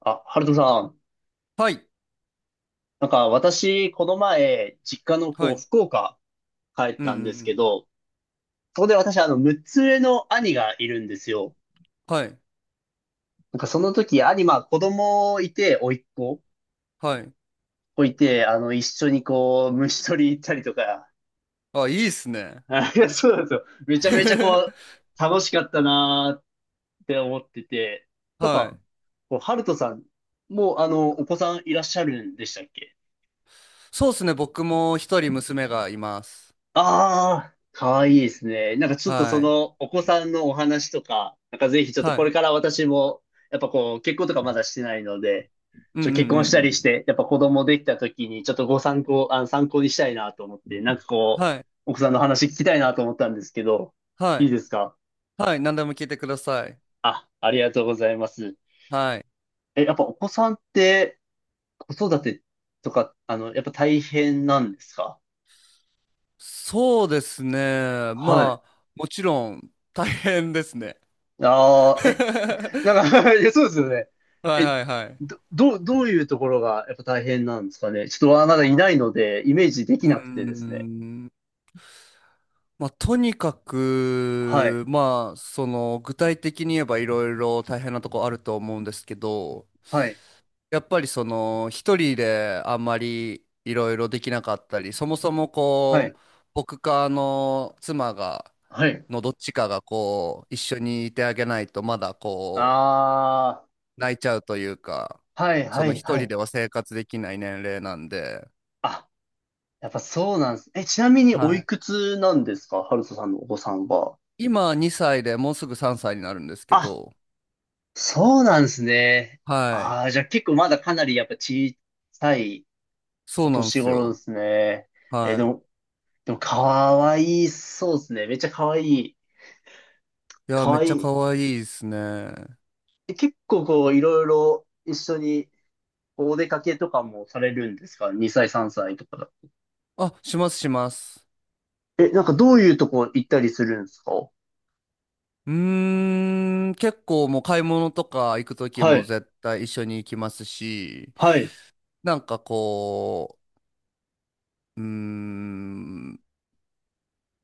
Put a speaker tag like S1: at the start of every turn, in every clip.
S1: あ、ハルトさん。
S2: はい。
S1: 私、この前、実家の
S2: はい。うん
S1: 福岡帰っ
S2: うんう
S1: たんですけ
S2: ん。
S1: ど、そこで私、6つ上の兄がいるんですよ。
S2: はい。
S1: その時、兄、子供いて、甥っ子
S2: はい。
S1: 子いて、一緒に虫取り行ったりとか、
S2: あ、いいっすね。
S1: あいや、そうなんですよ。めちゃめちゃ楽しかったなーって思ってて、なん
S2: は
S1: か、
S2: い。
S1: ハルトさん、もうお子さんいらっしゃるんでしたっけ？
S2: そうっすね。僕も一人娘がいます。
S1: ああ、かわいいですね。ちょっとそ
S2: はい。
S1: のお子さんのお話とか、ぜひちょっと
S2: は
S1: これ
S2: い。
S1: から私も、やっぱ結婚とかまだしてないので、
S2: うん
S1: ちょっと結
S2: う
S1: 婚したりし
S2: ん
S1: て、やっぱ子供できた時にちょっとご参考、参考にしたいなと思って、
S2: うん。はい。
S1: 奥さんの話聞きたいなと思ったんですけど、
S2: は
S1: い
S2: い。
S1: いですか？
S2: はい。何でも聞いてください。
S1: あ、ありがとうございます。
S2: はい。
S1: え、やっぱお子さんって子育てとか、やっぱ大変なんですか？
S2: そうですね。
S1: はい。
S2: まあ、もちろん大変ですね。
S1: ああ、え、
S2: は
S1: いや、そうですよね。
S2: い
S1: え、
S2: はいはい。
S1: どういうところがやっぱ大変なんですかね。ちょっとまだいないので、イメージで
S2: う
S1: き
S2: ー
S1: なくてですね。
S2: ん。まあ、とにか
S1: はい、
S2: く、まあ、その、具体的に言えばいろいろ大変なとこあると思うんですけど、
S1: はい、
S2: やっぱりその、一人であんまりいろいろできなかったり、そもそも
S1: は
S2: こ
S1: い、
S2: う、僕かあの妻が、
S1: はい。
S2: のどっちかがこう、一緒にいてあげないと、まだこ
S1: あ
S2: う、泣いちゃうというか、
S1: あ、はい、
S2: そ
S1: は
S2: の
S1: い、
S2: 一
S1: は
S2: 人
S1: い。
S2: では生活できない年齢なんで、
S1: あ、やっぱそうなんです。え、ちなみに
S2: は
S1: お
S2: い。
S1: いくつなんですか？ハルトさんのお子さんは。
S2: 今2歳でもうすぐ3歳になるんですけ
S1: あ、
S2: ど、
S1: そうなんですね。
S2: はい。
S1: ああ、じゃあ結構まだかなりやっぱ小さい
S2: そう
S1: お
S2: なんで
S1: 年
S2: す
S1: 頃で
S2: よ。
S1: すね。え、で
S2: はい。
S1: も、でもかわいそうですね。めっちゃかわいい。
S2: いや、
S1: か
S2: めっ
S1: わい
S2: ちゃ可
S1: い。
S2: 愛いですね。
S1: え、結構いろいろ一緒にお出かけとかもされるんですか？ 2 歳、3歳とかだ。
S2: あ、しますします。
S1: え、どういうとこ行ったりするんですか？
S2: うーん、結構もう買い物とか行くとき
S1: は
S2: も
S1: い、
S2: 絶対一緒に行きますし、
S1: はい、
S2: なんかこう、うーん、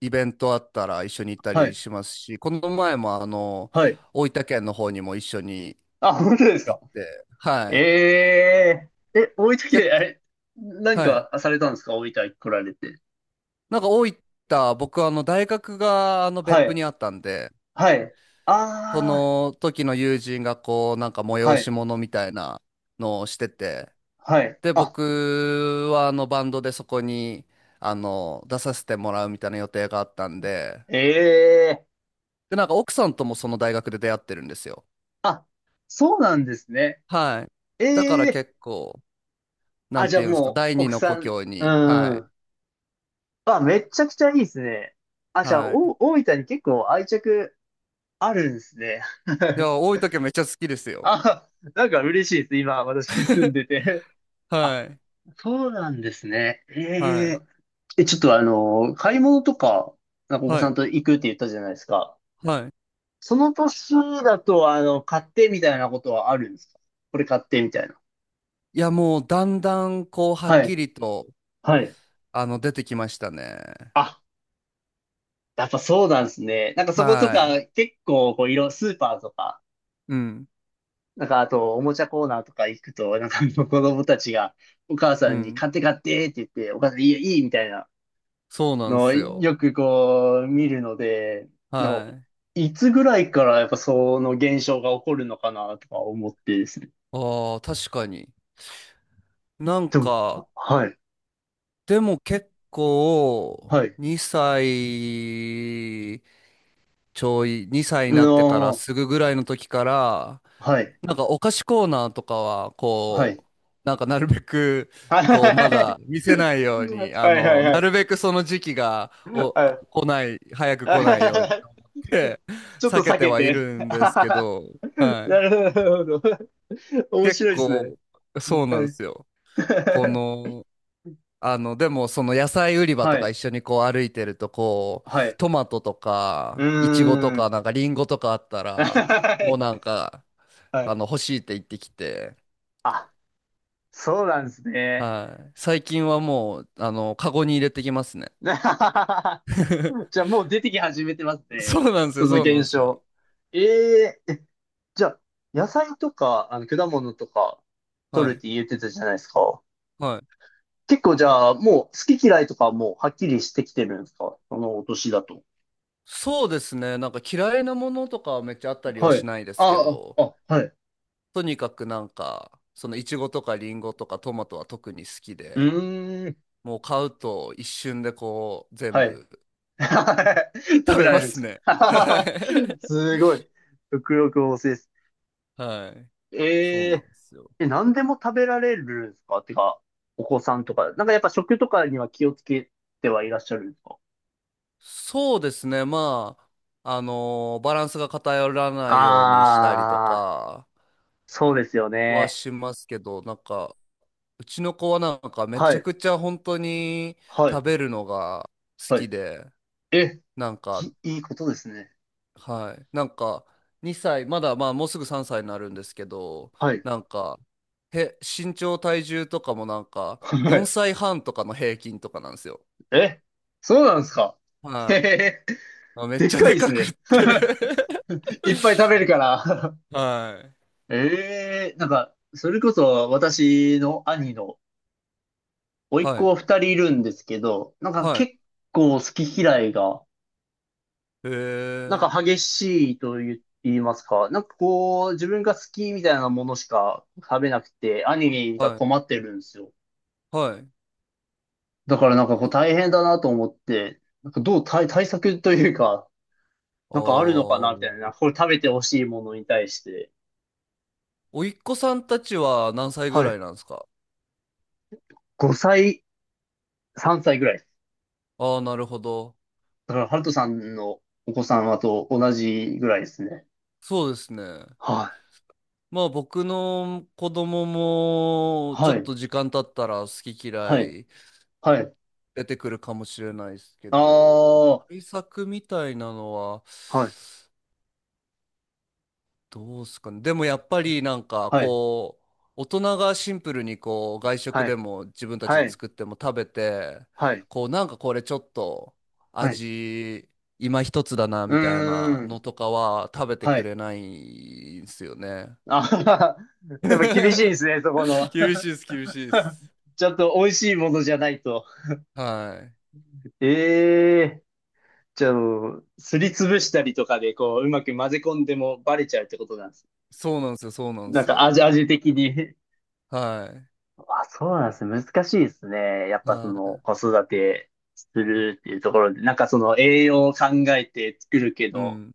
S2: イベントあったら一緒に行った
S1: は
S2: り
S1: い、
S2: しますし、この前もあの、
S1: はい。
S2: 大分県の方にも一緒に
S1: あ、本当です
S2: 行
S1: か？
S2: って、はい。
S1: ええー。え、大分
S2: 結
S1: 県、あ
S2: 構、
S1: れ、何
S2: はい。
S1: かされたんですか？大分来られて。
S2: なんか大分、僕あの大学があの
S1: は
S2: 別府
S1: い、
S2: にあったんで、
S1: はい。
S2: そ
S1: ああ、
S2: の時の友人がこう、なんか
S1: は
S2: 催し
S1: い、
S2: 物みたいなのをしてて、
S1: はい。
S2: で、
S1: あ、
S2: 僕はあのバンドでそこに、あの、出させてもらうみたいな予定があったんで、
S1: ええー。
S2: で、なんか奥さんともその大学で出会ってるんですよ。
S1: あ、そうなんですね。
S2: はい。
S1: え
S2: だから
S1: えー。
S2: 結構、な
S1: あ、
S2: ん
S1: じゃ
S2: て
S1: あ
S2: いうんですか、
S1: も
S2: 第
S1: う、
S2: 二
S1: 奥
S2: の
S1: さ
S2: 故
S1: ん、
S2: 郷に、
S1: う
S2: はい。
S1: ん。あ、めちゃくちゃいいですね。あ、じゃあ、
S2: はい。
S1: お、大分に結構愛着あるんですね。
S2: い や、多い時はめっちゃ好きですよ。
S1: あ、嬉しいです。今、私住ん でて。あ、
S2: はい。
S1: そうなんですね。え
S2: はい。
S1: え、え、ちょっと買い物とか、お子
S2: は
S1: さ
S2: い。
S1: んと行くって言ったじゃないですか。
S2: はい。
S1: その年だと、買ってみたいなことはあるんですか？これ買ってみたいな。
S2: いや、もうだんだんこう、はっ
S1: は
S2: き
S1: い。
S2: りと、
S1: はい。
S2: あの、出てきましたね。
S1: あ、やっぱそうなんですね。そこと
S2: はい。
S1: か、結構、スーパーとか、
S2: うん、
S1: あと、おもちゃコーナーとか行くと、あの子供たちが、お母さ
S2: う
S1: んに
S2: ん。
S1: 買って買ってって言って、お母さんいいよ、いいみたいな
S2: そうなん
S1: のを
S2: すよ。
S1: よく見るので、の、
S2: はい。
S1: いつぐらいからやっぱその現象が起こるのかなとか思ってですね。
S2: ああ、確かに。なん
S1: でも、
S2: か、
S1: あ、はい、
S2: でも結構、
S1: はい、
S2: 2歳ちょい、2歳に
S1: う
S2: なってから
S1: の、
S2: すぐぐらいの時から、
S1: はい、
S2: なんかお菓子コーナーとかは、
S1: は
S2: こ
S1: い。
S2: う、なんかなるべく、
S1: はい、
S2: こう、ま
S1: はい、
S2: だ見せないように、あ
S1: はい。はい、
S2: の、
S1: は
S2: なる
S1: い、
S2: べくその時期が、
S1: は
S2: お、
S1: い。
S2: 来ない、早く
S1: あ、
S2: 来ないようにっ て、
S1: ちょっ
S2: 避
S1: と
S2: け
S1: 避
S2: て
S1: け
S2: はい
S1: て。
S2: るんですけど、は
S1: な
S2: い。
S1: るほど。面
S2: 結
S1: 白いですね。
S2: 構、そうな
S1: は
S2: んで
S1: い。
S2: すよ。こ の、あの、でも、その野菜売り場
S1: は
S2: とか
S1: い。
S2: 一緒にこう歩いてると、こう、
S1: はい。
S2: トマトと
S1: う
S2: か、イチゴと
S1: ー
S2: か、
S1: ん。
S2: なんかリンゴとかあった ら、
S1: は
S2: もうな
S1: い。
S2: んか、
S1: は
S2: あ
S1: い。
S2: の、欲しいって言ってきて、
S1: あ、そうなんですね。
S2: はい。最近はもう、あの、カゴに入れてきますね。
S1: じゃあ もう出てき始めてます
S2: そ
S1: ね。
S2: うなんです
S1: そ
S2: よ、
S1: の
S2: そうな
S1: 現
S2: んですよ。
S1: 象。ええ、じゃあ、野菜とか、果物とか、
S2: は
S1: 取るっ
S2: い。
S1: て言ってたじゃないですか。
S2: はい。
S1: 結構じゃあ、もう好き嫌いとかもはっきりしてきてるんですか？そのお年だと。
S2: そうですね。なんか嫌いなものとかはめっちゃあったりは
S1: は
S2: し
S1: い。
S2: ないですけ
S1: ああ、
S2: ど、
S1: あ、はい。
S2: とにかくなんか、そのイチゴとかリンゴとかトマトは特に好き
S1: う
S2: で、
S1: ーん。
S2: もう買うと一瞬でこう全
S1: はい。
S2: 部
S1: 食
S2: 食
S1: べ
S2: べ
S1: られ
S2: ま
S1: るんで
S2: す
S1: す
S2: ね。は
S1: か？
S2: い。
S1: すごい。食欲旺盛です。
S2: はい。そう
S1: え
S2: な
S1: え、
S2: んですよ。
S1: え、何でも食べられるんですか？てか、お子さんとか。やっぱ食とかには気をつけてはいらっしゃるんですか？
S2: そうですね。まあ、あのーバランスが偏らないようにしたりと
S1: ああ
S2: か
S1: ー、そうですよ
S2: は
S1: ね。
S2: しますけど、なんか、うちの子はなんかめ
S1: は
S2: ちゃ
S1: い。
S2: くちゃ本当に
S1: はい。
S2: 食べるのが好
S1: は
S2: き
S1: い。
S2: で、
S1: え、
S2: なんか
S1: いいいことですね。
S2: はい。なんか、2歳、まだまあもうすぐ3歳になるんですけど、
S1: はい。
S2: なんか、へ、身長体重とかもなんか、4 歳半とかの平均とかなんですよ。
S1: え、そうなんですか。へへ
S2: は
S1: へ、
S2: い。あ、めっ
S1: でっ
S2: ちゃ
S1: かい
S2: で
S1: です
S2: かくっ
S1: ね。
S2: て
S1: いっぱい食 べるから。
S2: はい。
S1: ええ、それこそ私の兄の甥っ
S2: はい。
S1: 子二人いるんですけど、
S2: は
S1: 結構好き嫌いが、
S2: い。へえ。
S1: 激しいと言いますか、自分が好きみたいなものしか食べなくて、兄が
S2: はい。
S1: 困ってるんですよ。
S2: はい。
S1: だから
S2: そ
S1: 大変だなと思って、どう対、対策というか、
S2: あ
S1: あるのかなみたいな。
S2: ー。
S1: これ食べてほしいものに対して。
S2: おいっ子さんたちは何歳ぐ
S1: は
S2: ら
S1: い。
S2: いなんですか？
S1: 5歳、3歳ぐらいです。
S2: ああー、なるほど。
S1: だから、ハルトさんのお子さんはと同じぐらいですね。
S2: そうですね。
S1: はい。
S2: まあ僕の子供もちょ
S1: は
S2: っ
S1: い。
S2: と時間経ったら好き嫌
S1: はい。
S2: い
S1: はい。
S2: 出てくるかもしれないですけ
S1: あ
S2: ど、
S1: あ。
S2: 対策みたいなのは
S1: はい、
S2: どうですかね。でもやっぱりなんか
S1: はい。
S2: こう、大人がシンプルにこう外食
S1: は
S2: で
S1: い。
S2: も自分たち
S1: は
S2: で
S1: い。
S2: 作っても食べて、
S1: はい。
S2: こうなんかこれちょっと
S1: はい。
S2: 味今一つだな
S1: う
S2: みたいな
S1: ー
S2: の
S1: ん。
S2: とかは食べて
S1: は
S2: く
S1: い。
S2: れないんですよね。
S1: あはは、やっぱ厳しいですね、そこの。
S2: 厳しいです、厳しいです。
S1: ちょっと美味しいものじゃないと。
S2: はい。
S1: ええ、じゃあ、すりつぶしたりとかで、うまく混ぜ込んでもバレちゃうってことなんですね。
S2: そうなんですよ、そうなんですよ。
S1: 味的に。
S2: はい。
S1: あ、そうなんですね。難しいですね。やっぱそ
S2: は
S1: の
S2: い。
S1: 子育てするっていうところで、その栄養を考えて作るけ
S2: う
S1: ど、
S2: ん。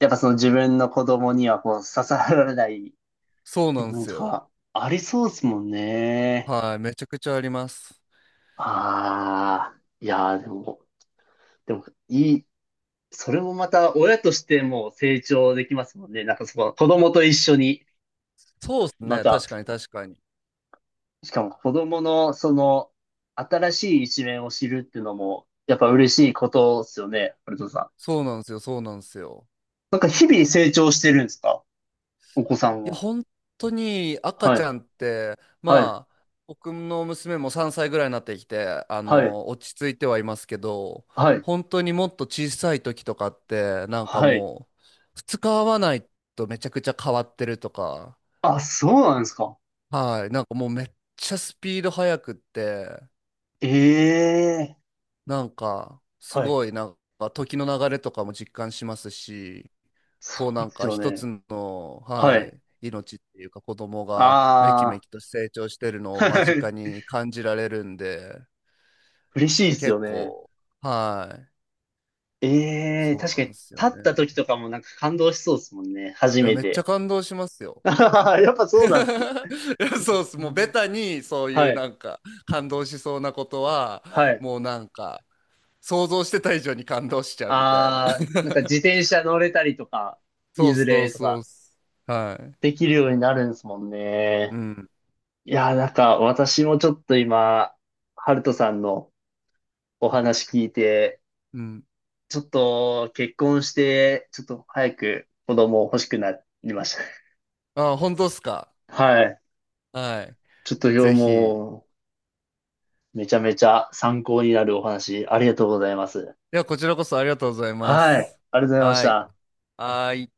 S1: やっぱその自分の子供にはこう刺さらない
S2: そう
S1: 部
S2: なんで
S1: 分
S2: す
S1: と
S2: よ。
S1: かありそうですもんね。
S2: はい。めちゃくちゃあります。
S1: ああ、いやーでも、でもいい。それもまた親としても成長できますもんね。その子供と一緒に
S2: そうです
S1: ま
S2: ね。
S1: た、
S2: 確かに、確かに。
S1: しかも子供のその新しい一面を知るっていうのもやっぱ嬉しいことですよね、ハルトさん。
S2: そうなんですよ、そうなんですよ。
S1: 日々成長してるんですか？お子さん
S2: いや、
S1: は。
S2: 本当に赤
S1: は
S2: ち
S1: い、
S2: ゃんって、
S1: はい、
S2: まあ、僕の娘も3歳ぐらいになってきて、あ
S1: はい、
S2: の、落ち着いてはいますけど、
S1: はい、
S2: 本当にもっと小さい時とかって、なんか
S1: はい。
S2: もう、二日会わないとめちゃくちゃ変わってるとか、
S1: あ、そうなんですか。
S2: はい。なんかもうめっちゃスピード速くって、
S1: ええ、
S2: なんかす
S1: はい。
S2: ごいなんか時の流れとかも実感しますし、こう
S1: そう
S2: な
S1: で
S2: ん
S1: す
S2: か
S1: よ
S2: 一
S1: ね。
S2: つの、
S1: は
S2: は
S1: い。
S2: い、命っていうか子供がめき
S1: あ
S2: めきと成長してるのを
S1: あ、
S2: 間
S1: は
S2: 近
S1: い。
S2: に感じられるんで、
S1: 嬉しいですよ
S2: 結
S1: ね。
S2: 構、はい。
S1: ええ、
S2: そう
S1: 確か
S2: な
S1: に
S2: んで
S1: 立
S2: すよね。
S1: った時とかも感動しそうですもんね。初
S2: いや、
S1: め
S2: めっちゃ
S1: て。
S2: 感動します よ。
S1: やっぱ
S2: い
S1: そうなんです。
S2: や、そうっす。もうベタにそうい
S1: は
S2: う
S1: い。
S2: なんか感動しそうなことは、
S1: はい。
S2: もうなんか、想像してた以上に感動しちゃうみたいな。
S1: ああ、自転車乗れたりとか、い
S2: そう
S1: ず
S2: そう
S1: れと
S2: そうっ
S1: か、
S2: す。はい。
S1: できるようになるんですもん
S2: う
S1: ね。
S2: ん。
S1: いやー、私もちょっと今、ハルトさんのお話聞いて、
S2: うん。
S1: ちょっと結婚して、ちょっと早く子供欲しくなりまし
S2: あ、本当っすか？
S1: た。はい。
S2: はい。
S1: ちょっと今日
S2: ぜひ。
S1: もう、めちゃめちゃ参考になるお話、ありがとうございます。
S2: では、こちらこそありがとうございま
S1: はい。
S2: す。
S1: ありがとうございまし
S2: はい。
S1: た。
S2: はい。